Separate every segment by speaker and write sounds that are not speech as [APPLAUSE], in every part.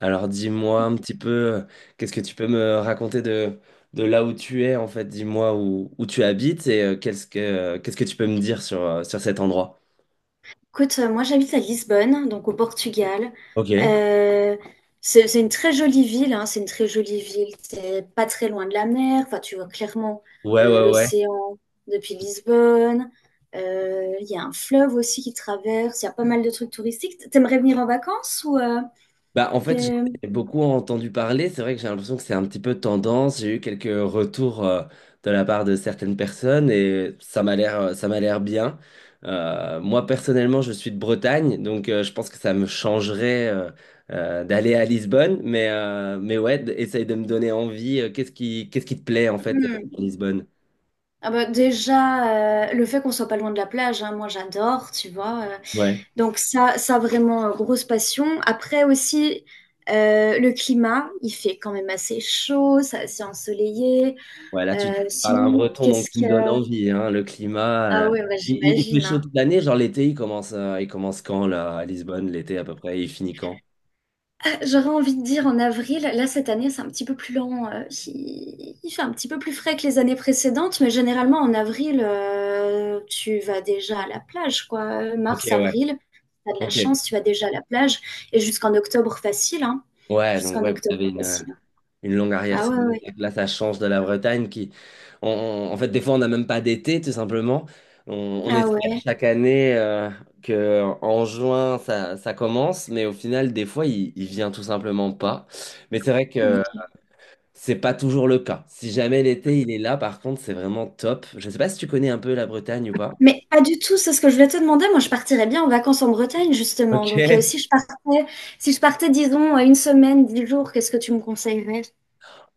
Speaker 1: Alors dis-moi un petit peu, qu'est-ce que tu peux me raconter de là où tu es en fait? Dis-moi où tu habites et qu'est-ce que tu peux me dire sur, sur cet endroit?
Speaker 2: Écoute, moi j'habite à Lisbonne, donc au Portugal.
Speaker 1: Ok.
Speaker 2: Euh, c'est une très jolie ville, hein, c'est une très jolie ville. C'est pas très loin de la mer. Enfin, tu vois clairement
Speaker 1: Ouais, ouais, ouais.
Speaker 2: l'océan depuis Lisbonne. Il y a un fleuve aussi qui traverse. Il y a pas mal de trucs touristiques. T'aimerais venir en vacances ou
Speaker 1: Bah, en fait, j'en
Speaker 2: que-
Speaker 1: ai beaucoup entendu parler. C'est vrai que j'ai l'impression que c'est un petit peu tendance. J'ai eu quelques retours de la part de certaines personnes et ça m'a l'air bien. Moi, personnellement, je suis de Bretagne, donc je pense que ça me changerait d'aller à Lisbonne. Mais ouais, essaye de me donner envie. Qu'est-ce qui te plaît en fait
Speaker 2: Hmm.
Speaker 1: à Lisbonne?
Speaker 2: Ah bah, déjà le fait qu'on soit pas loin de la plage, hein, moi j'adore, tu vois.
Speaker 1: Ouais.
Speaker 2: Donc ça vraiment, grosse passion. Après aussi, le climat, il fait quand même assez chaud, c'est ensoleillé.
Speaker 1: Ouais, là, tu parles à un
Speaker 2: Sinon,
Speaker 1: breton, donc
Speaker 2: qu'est-ce
Speaker 1: tu me
Speaker 2: que...
Speaker 1: donnes envie, hein, le climat.
Speaker 2: Ah
Speaker 1: euh,
Speaker 2: ouais, bah,
Speaker 1: Il
Speaker 2: j'imagine,
Speaker 1: fait chaud
Speaker 2: hein.
Speaker 1: toute l'année, genre l'été, il commence quand, là, à Lisbonne, l'été à peu près, et il finit quand?
Speaker 2: J'aurais envie de dire en avril, là cette année c'est un petit peu plus lent, il fait un petit peu plus frais que les années précédentes, mais généralement en avril, tu vas déjà à la plage, quoi.
Speaker 1: Ok,
Speaker 2: Mars,
Speaker 1: ouais.
Speaker 2: avril, t'as de la
Speaker 1: Ok.
Speaker 2: chance, tu vas déjà à la plage, et jusqu'en octobre facile, hein.
Speaker 1: Ouais, donc
Speaker 2: Jusqu'en
Speaker 1: ouais, vous
Speaker 2: octobre
Speaker 1: avez une, euh,
Speaker 2: facile.
Speaker 1: une longue
Speaker 2: Ah ouais,
Speaker 1: arrière-saison.
Speaker 2: ouais.
Speaker 1: Là, ça change de la Bretagne qui, en fait, des fois, on n'a même pas d'été, tout simplement. On, on
Speaker 2: Ah
Speaker 1: espère
Speaker 2: ouais.
Speaker 1: chaque année que en juin, ça commence, mais au final, des fois, il vient tout simplement pas. Mais c'est vrai que
Speaker 2: OK.
Speaker 1: c'est pas toujours le cas. Si jamais l'été il est là, par contre, c'est vraiment top. Je sais pas si tu connais un peu la Bretagne ou pas.
Speaker 2: Mais pas du tout, c'est ce que je voulais te demander. Moi, je partirais bien en vacances en Bretagne, justement. Donc,
Speaker 1: Ok.
Speaker 2: si je partais, si je partais, disons, une semaine, 10 jours, qu'est-ce que tu me conseillerais?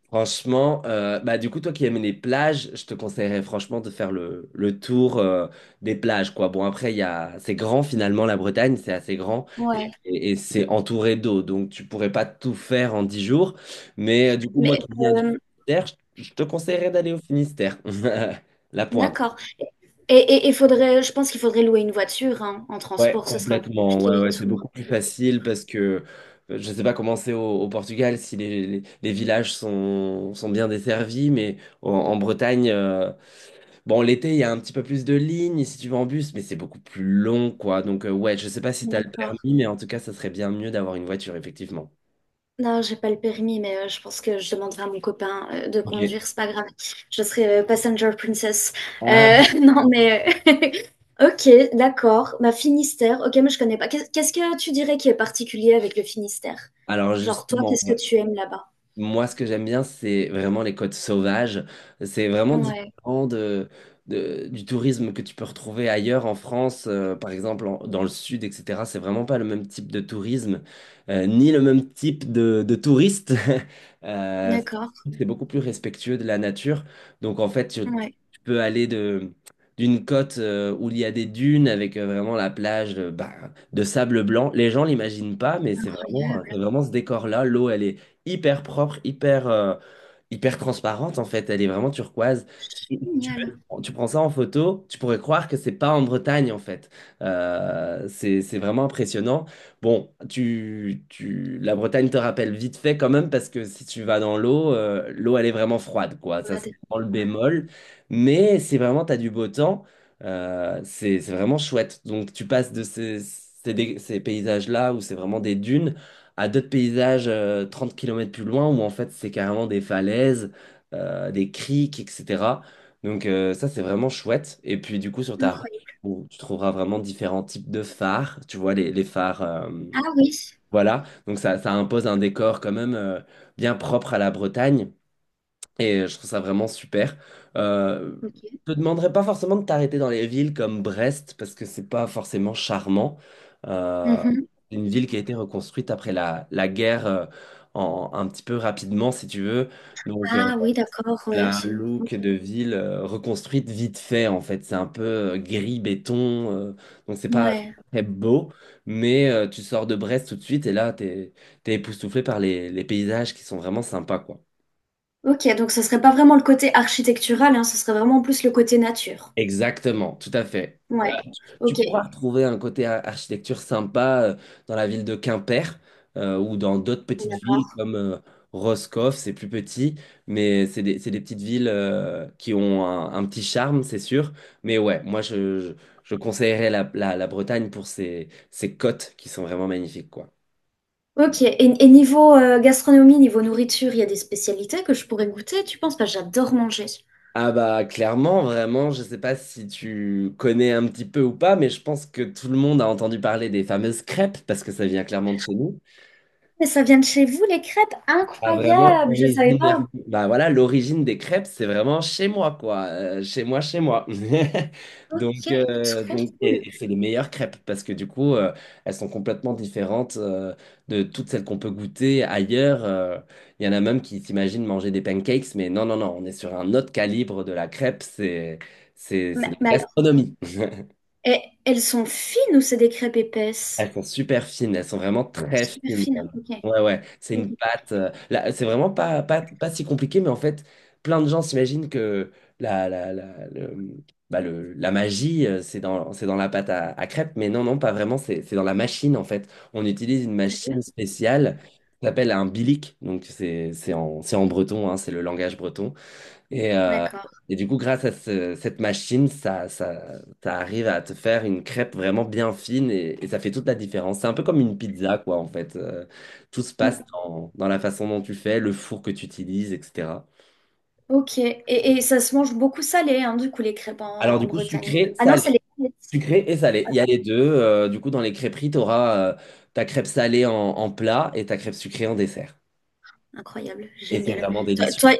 Speaker 1: Franchement, bah du coup, toi qui aimes les plages, je te conseillerais franchement de faire le tour des plages, quoi. Bon, après, c'est grand finalement, la Bretagne, c'est assez grand
Speaker 2: Ouais.
Speaker 1: et c'est entouré d'eau, donc tu pourrais pas tout faire en 10 jours. Mais du coup, moi
Speaker 2: Mais
Speaker 1: qui viens du
Speaker 2: euh,
Speaker 1: Finistère, je te conseillerais d'aller au Finistère, [LAUGHS] la pointe.
Speaker 2: d'accord. Et faudrait, je pense qu'il faudrait louer une voiture, hein. En
Speaker 1: Ouais,
Speaker 2: transport, ce serait un peu
Speaker 1: complètement.
Speaker 2: compliqué
Speaker 1: Ouais,
Speaker 2: et
Speaker 1: ouais, c'est
Speaker 2: tout.
Speaker 1: beaucoup plus facile parce que je ne sais pas comment c'est au Portugal, si les villages sont bien desservis, mais en Bretagne, bon, l'été, il y a un petit peu plus de lignes si tu vas en bus, mais c'est beaucoup plus long, quoi. Donc, ouais, je ne sais pas si tu as le
Speaker 2: D'accord.
Speaker 1: permis, mais en tout cas, ça serait bien mieux d'avoir une voiture, effectivement.
Speaker 2: Non, j'ai pas le permis, mais je pense que je demanderai à mon copain de
Speaker 1: Ok.
Speaker 2: conduire, c'est pas grave. Je serai passenger princess.
Speaker 1: Ah,
Speaker 2: [LAUGHS] Non, mais [LAUGHS] ok, d'accord. Ma Finistère, ok, mais je connais pas. Qu'est-ce que tu dirais qui est particulier avec le Finistère?
Speaker 1: alors,
Speaker 2: Genre toi,
Speaker 1: justement,
Speaker 2: qu'est-ce que
Speaker 1: ouais.
Speaker 2: tu aimes là-bas?
Speaker 1: Moi, ce que j'aime bien, c'est vraiment les côtes sauvages. C'est vraiment
Speaker 2: Ouais,
Speaker 1: différent du tourisme que tu peux retrouver ailleurs en France, par exemple dans le sud, etc. C'est vraiment pas le même type de tourisme, ni le même type de touriste. [LAUGHS] Euh,
Speaker 2: d'accord.
Speaker 1: c'est beaucoup plus respectueux de la nature. Donc, en fait, tu,
Speaker 2: Ouais,
Speaker 1: tu peux aller d'une côte, où il y a des dunes avec vraiment la plage, bah, de sable blanc. Les gens l'imaginent pas, mais c'est vraiment, c'est
Speaker 2: incroyable,
Speaker 1: vraiment ce décor-là. L'eau, elle est hyper propre, hyper transparente en fait. Elle est vraiment turquoise. Si tu
Speaker 2: génial.
Speaker 1: veux, tu prends ça en photo, tu pourrais croire que c'est pas en Bretagne en fait. C'est vraiment impressionnant. Bon, la Bretagne te rappelle vite fait quand même parce que si tu vas dans l'eau, l'eau elle est vraiment froide quoi. Ça c'est
Speaker 2: Regarde.
Speaker 1: vraiment le
Speaker 2: Ouais,
Speaker 1: bémol. Mais c'est vraiment, tu as du beau temps. C'est vraiment chouette. Donc tu passes de ces paysages-là où c'est vraiment des dunes à d'autres paysages 30 km plus loin où en fait c'est carrément des falaises, des criques, etc. Donc ça c'est vraiment chouette. Et puis du coup sur ta route, tu
Speaker 2: incroyable.
Speaker 1: tu trouveras vraiment différents types de phares. Tu vois les phares,
Speaker 2: Ah oui,
Speaker 1: voilà. Donc ça impose un décor quand même bien propre à la Bretagne. Et je trouve ça vraiment super. Euh,
Speaker 2: ok.
Speaker 1: je te demanderais pas forcément de t'arrêter dans les villes comme Brest, parce que c'est pas forcément charmant. Euh,
Speaker 2: Mhm.
Speaker 1: c'est une ville qui a été reconstruite après la guerre un petit peu rapidement, si tu veux. Donc,
Speaker 2: Ah oui, d'accord,
Speaker 1: elle
Speaker 2: ouais.
Speaker 1: a un
Speaker 2: Ok.
Speaker 1: look de ville reconstruite vite fait, en fait. C'est un peu gris, béton. Donc, c'est pas
Speaker 2: Ouais.
Speaker 1: très beau. Mais tu sors de Brest tout de suite et là, t'es époustouflé par les paysages qui sont vraiment sympas, quoi.
Speaker 2: Ok, donc ce serait pas vraiment le côté architectural, hein, ce serait vraiment plus le côté nature.
Speaker 1: Exactement, tout à fait. Euh,
Speaker 2: Ouais,
Speaker 1: tu
Speaker 2: ok,
Speaker 1: pourras retrouver un côté architecture sympa dans la ville de Quimper ou dans d'autres petites villes
Speaker 2: d'accord.
Speaker 1: comme Roscoff, c'est plus petit, mais c'est des petites villes qui ont un petit charme, c'est sûr. Mais ouais, moi je conseillerais la Bretagne pour ses côtes qui sont vraiment magnifiques, quoi.
Speaker 2: Ok, et niveau gastronomie, niveau nourriture, il y a des spécialités que je pourrais goûter, tu penses? Parce que j'adore manger.
Speaker 1: Ah bah clairement, vraiment, je sais pas si tu connais un petit peu ou pas, mais je pense que tout le monde a entendu parler des fameuses crêpes parce que ça vient clairement de chez nous.
Speaker 2: Mais ça vient de chez vous, les crêpes?
Speaker 1: Ah, vraiment,
Speaker 2: Incroyable, je savais
Speaker 1: originaire.
Speaker 2: pas.
Speaker 1: Bah voilà, l'origine des crêpes, c'est vraiment chez moi, quoi. Chez moi, chez moi. [LAUGHS]
Speaker 2: Ok,
Speaker 1: Donc,
Speaker 2: trop cool.
Speaker 1: et c'est les meilleures crêpes parce que du coup, elles sont complètement différentes de toutes celles qu'on peut goûter ailleurs. Il y en a même qui s'imaginent manger des pancakes, mais non, non, non, on est sur un autre calibre de la crêpe. C'est de la
Speaker 2: Mais alors,
Speaker 1: gastronomie.
Speaker 2: elles sont fines ou c'est des crêpes
Speaker 1: Elles
Speaker 2: épaisses?
Speaker 1: sont super fines, elles sont vraiment très
Speaker 2: Super
Speaker 1: fines
Speaker 2: fines,
Speaker 1: même.
Speaker 2: ok.
Speaker 1: Ouais, ouais, c'est
Speaker 2: Ok,
Speaker 1: une pâte. Là, c'est vraiment pas, pas, pas si compliqué, mais en fait, plein de gens s'imaginent que la, la, la, le- bah, la magie, c'est dans la pâte à crêpes, mais non, non, pas vraiment, c'est dans la machine en fait. On utilise une machine
Speaker 2: sérieux?
Speaker 1: spéciale qui s'appelle un bilic, donc c'est en breton, hein, c'est le langage breton. Et, euh,
Speaker 2: D'accord.
Speaker 1: et du coup, grâce à cette machine, ça arrive à te faire une crêpe vraiment bien fine et ça fait toute la différence. C'est un peu comme une pizza, quoi, en fait. Tout se passe
Speaker 2: Mm,
Speaker 1: dans la façon dont tu fais, le four que tu utilises, etc.
Speaker 2: ok, et ça se mange beaucoup salé, hein, du coup, les crêpes en,
Speaker 1: Alors,
Speaker 2: en
Speaker 1: du coup,
Speaker 2: Bretagne.
Speaker 1: sucré,
Speaker 2: Ah non,
Speaker 1: salé.
Speaker 2: c'est les
Speaker 1: Sucré et salé. Il y a les deux. Du coup, dans les crêperies, tu auras ta crêpe salée en plat et ta crêpe sucrée en dessert.
Speaker 2: incroyable,
Speaker 1: Et c'est
Speaker 2: génial.
Speaker 1: vraiment
Speaker 2: Toi,
Speaker 1: délicieux.
Speaker 2: toi,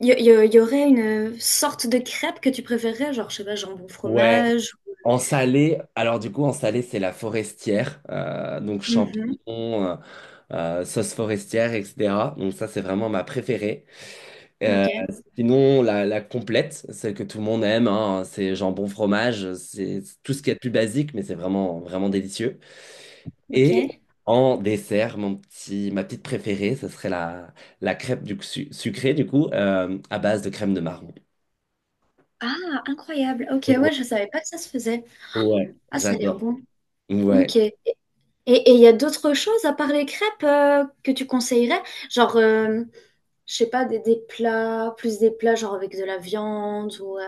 Speaker 2: y aurait une sorte de crêpe que tu préférerais, genre, je sais pas, jambon
Speaker 1: Ouais,
Speaker 2: fromage ou-
Speaker 1: en salé, alors du coup, en salé, c'est la forestière, donc
Speaker 2: Mhm,
Speaker 1: champignons, sauce forestière, etc. Donc ça, c'est vraiment ma préférée. Euh,
Speaker 2: ok,
Speaker 1: sinon, la complète, celle que tout le monde aime, hein, c'est jambon, fromage, c'est tout ce qu'il y a de plus basique, mais c'est vraiment, vraiment délicieux. Et
Speaker 2: ok.
Speaker 1: en dessert, ma petite préférée, ce serait la crêpe sucrée, du coup, à base de crème de marron.
Speaker 2: Ah, incroyable. Ok,
Speaker 1: Ouais,
Speaker 2: ouais, je savais pas que ça se faisait.
Speaker 1: ouais,
Speaker 2: Ah, ça a l'air
Speaker 1: j'adore.
Speaker 2: bon.
Speaker 1: Ouais.
Speaker 2: Ok. Et il y a d'autres choses à part les crêpes que tu conseillerais? Genre, je sais pas, des plats, plus des plats genre avec de la viande ou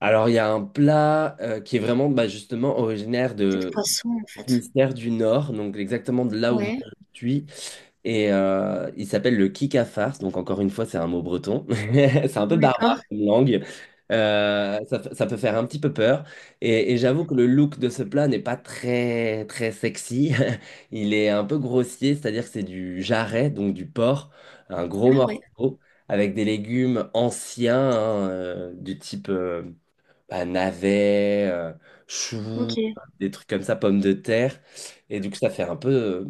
Speaker 1: Alors, il y a un plat qui est vraiment bah, justement originaire
Speaker 2: peut-être
Speaker 1: de
Speaker 2: poisson en fait.
Speaker 1: Finistère du Nord, donc exactement de là où moi
Speaker 2: Ouais,
Speaker 1: je suis. Et il s'appelle le Kikafars. Donc, encore une fois, c'est un mot breton. [LAUGHS] C'est un peu
Speaker 2: d'accord.
Speaker 1: barbare comme langue. Ça peut faire un petit peu peur. Et j'avoue que le look de ce plat n'est pas très, très sexy. [LAUGHS] Il est un peu grossier, c'est-à-dire que c'est du jarret, donc du porc, un gros
Speaker 2: Ah ouais,
Speaker 1: morceau, avec des légumes anciens, hein, du type. Bah, navets, choux,
Speaker 2: ok,
Speaker 1: des trucs comme ça, pommes de terre. Et du coup, ça fait un peu, euh,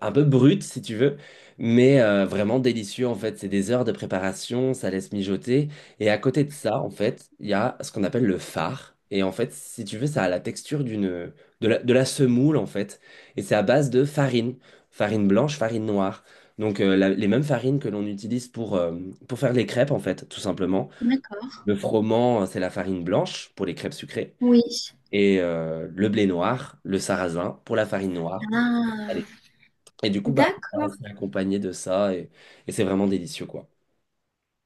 Speaker 1: un peu brut, si tu veux, mais vraiment délicieux, en fait. C'est des heures de préparation, ça laisse mijoter. Et à côté de ça, en fait, il y a ce qu'on appelle le fard. Et en fait, si tu veux, ça a la texture de la semoule, en fait. Et c'est à base de farine, farine blanche, farine noire. Donc, les mêmes farines que l'on utilise pour faire les crêpes, en fait, tout simplement.
Speaker 2: d'accord.
Speaker 1: Le froment, c'est la farine blanche pour les crêpes sucrées.
Speaker 2: Oui.
Speaker 1: Et le blé noir, le sarrasin pour la farine noire. Pour le salé.
Speaker 2: Ah.
Speaker 1: Et du coup, bah,
Speaker 2: D'accord,
Speaker 1: c'est accompagné de ça et c'est vraiment délicieux, quoi.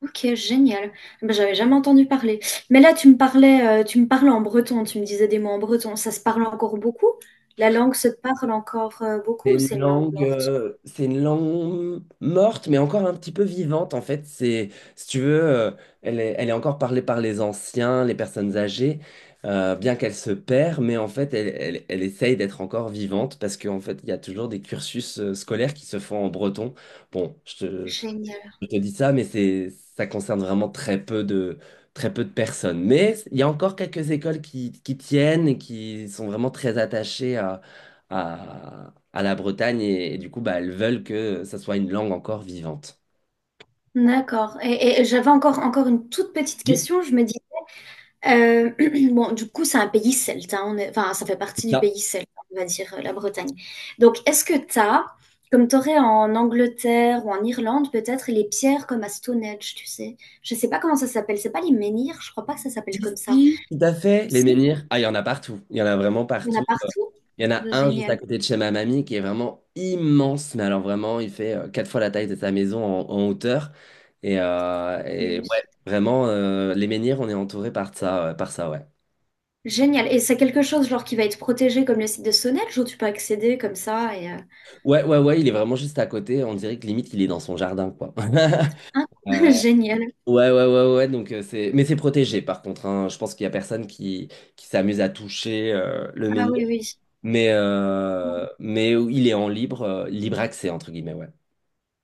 Speaker 2: ok, génial. Eh Ben, j'avais jamais entendu parler. Mais là, tu me parlais en breton, tu me disais des mots en breton. Ça se parle encore beaucoup? La langue se parle encore
Speaker 1: C'est
Speaker 2: beaucoup ou
Speaker 1: une
Speaker 2: c'est une langue
Speaker 1: langue,
Speaker 2: morte?
Speaker 1: euh, c'est une langue morte, mais encore un petit peu vivante, en fait. C'est, si tu veux, elle est encore parlée par les anciens, les personnes âgées, bien qu'elle se perd, mais en fait, elle essaye d'être encore vivante parce qu'en fait, il y a toujours des cursus scolaires qui se font en breton. Bon, je te,
Speaker 2: Génial.
Speaker 1: Je te dis ça, mais ça concerne vraiment très peu de personnes. Mais il y a encore quelques écoles qui tiennent et qui sont vraiment très attachées à la Bretagne et du coup, bah, elles veulent que ça soit une langue encore vivante.
Speaker 2: D'accord. Et j'avais encore, encore une toute petite
Speaker 1: Oui,
Speaker 2: question. Je me dis Euh, [CLEARS THROAT] bon, du coup, c'est un pays celte, hein, enfin, ça fait
Speaker 1: c'est
Speaker 2: partie du
Speaker 1: ça.
Speaker 2: pays celte, on va dire, la Bretagne. Donc, est-ce que tu as, comme tu aurais en Angleterre ou en Irlande, peut-être les pierres comme à Stonehenge, tu sais? Je sais pas comment ça s'appelle, c'est pas les menhirs, je crois pas que ça s'appelle comme ça.
Speaker 1: Ici, tout à fait, les
Speaker 2: Si,
Speaker 1: menhirs, ah, il y en a partout. Il y en a vraiment
Speaker 2: il y en
Speaker 1: partout.
Speaker 2: a partout.
Speaker 1: Il y en a un juste
Speaker 2: Génial.
Speaker 1: à côté de chez ma mamie qui est vraiment immense, mais alors vraiment, il fait quatre fois la taille de sa maison en hauteur. Et
Speaker 2: Yes.
Speaker 1: ouais, vraiment, les menhirs, on est entouré par ça, ouais.
Speaker 2: Génial. Et c'est quelque chose genre qui va être protégé comme le site de Stonehenge où tu peux accéder comme ça et
Speaker 1: Ouais, ouais, ouais, il est vraiment juste à côté. On dirait que limite, il est dans son jardin, quoi. [LAUGHS]
Speaker 2: hein,
Speaker 1: Euh,
Speaker 2: [LAUGHS] génial.
Speaker 1: ouais, ouais, ouais, ouais. Donc, mais c'est protégé, par contre. Hein. Je pense qu'il y a personne qui s'amuse à toucher le
Speaker 2: Ah
Speaker 1: menhir.
Speaker 2: oui, oui.
Speaker 1: Mais il est en libre accès, entre guillemets, ouais.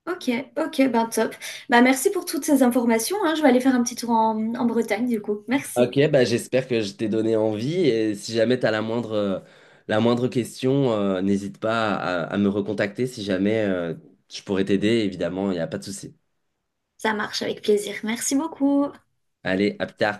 Speaker 2: Ok, ok, ben top. Bah merci pour toutes ces informations, hein. Je vais aller faire un petit tour en, en Bretagne, du coup. Merci.
Speaker 1: Ok, bah j'espère que je t'ai donné envie et si jamais tu as la moindre question, n'hésite pas à me recontacter si jamais je pourrais t'aider, évidemment, il n'y a pas de souci.
Speaker 2: Ça marche avec plaisir. Merci beaucoup.
Speaker 1: Allez, à plus tard.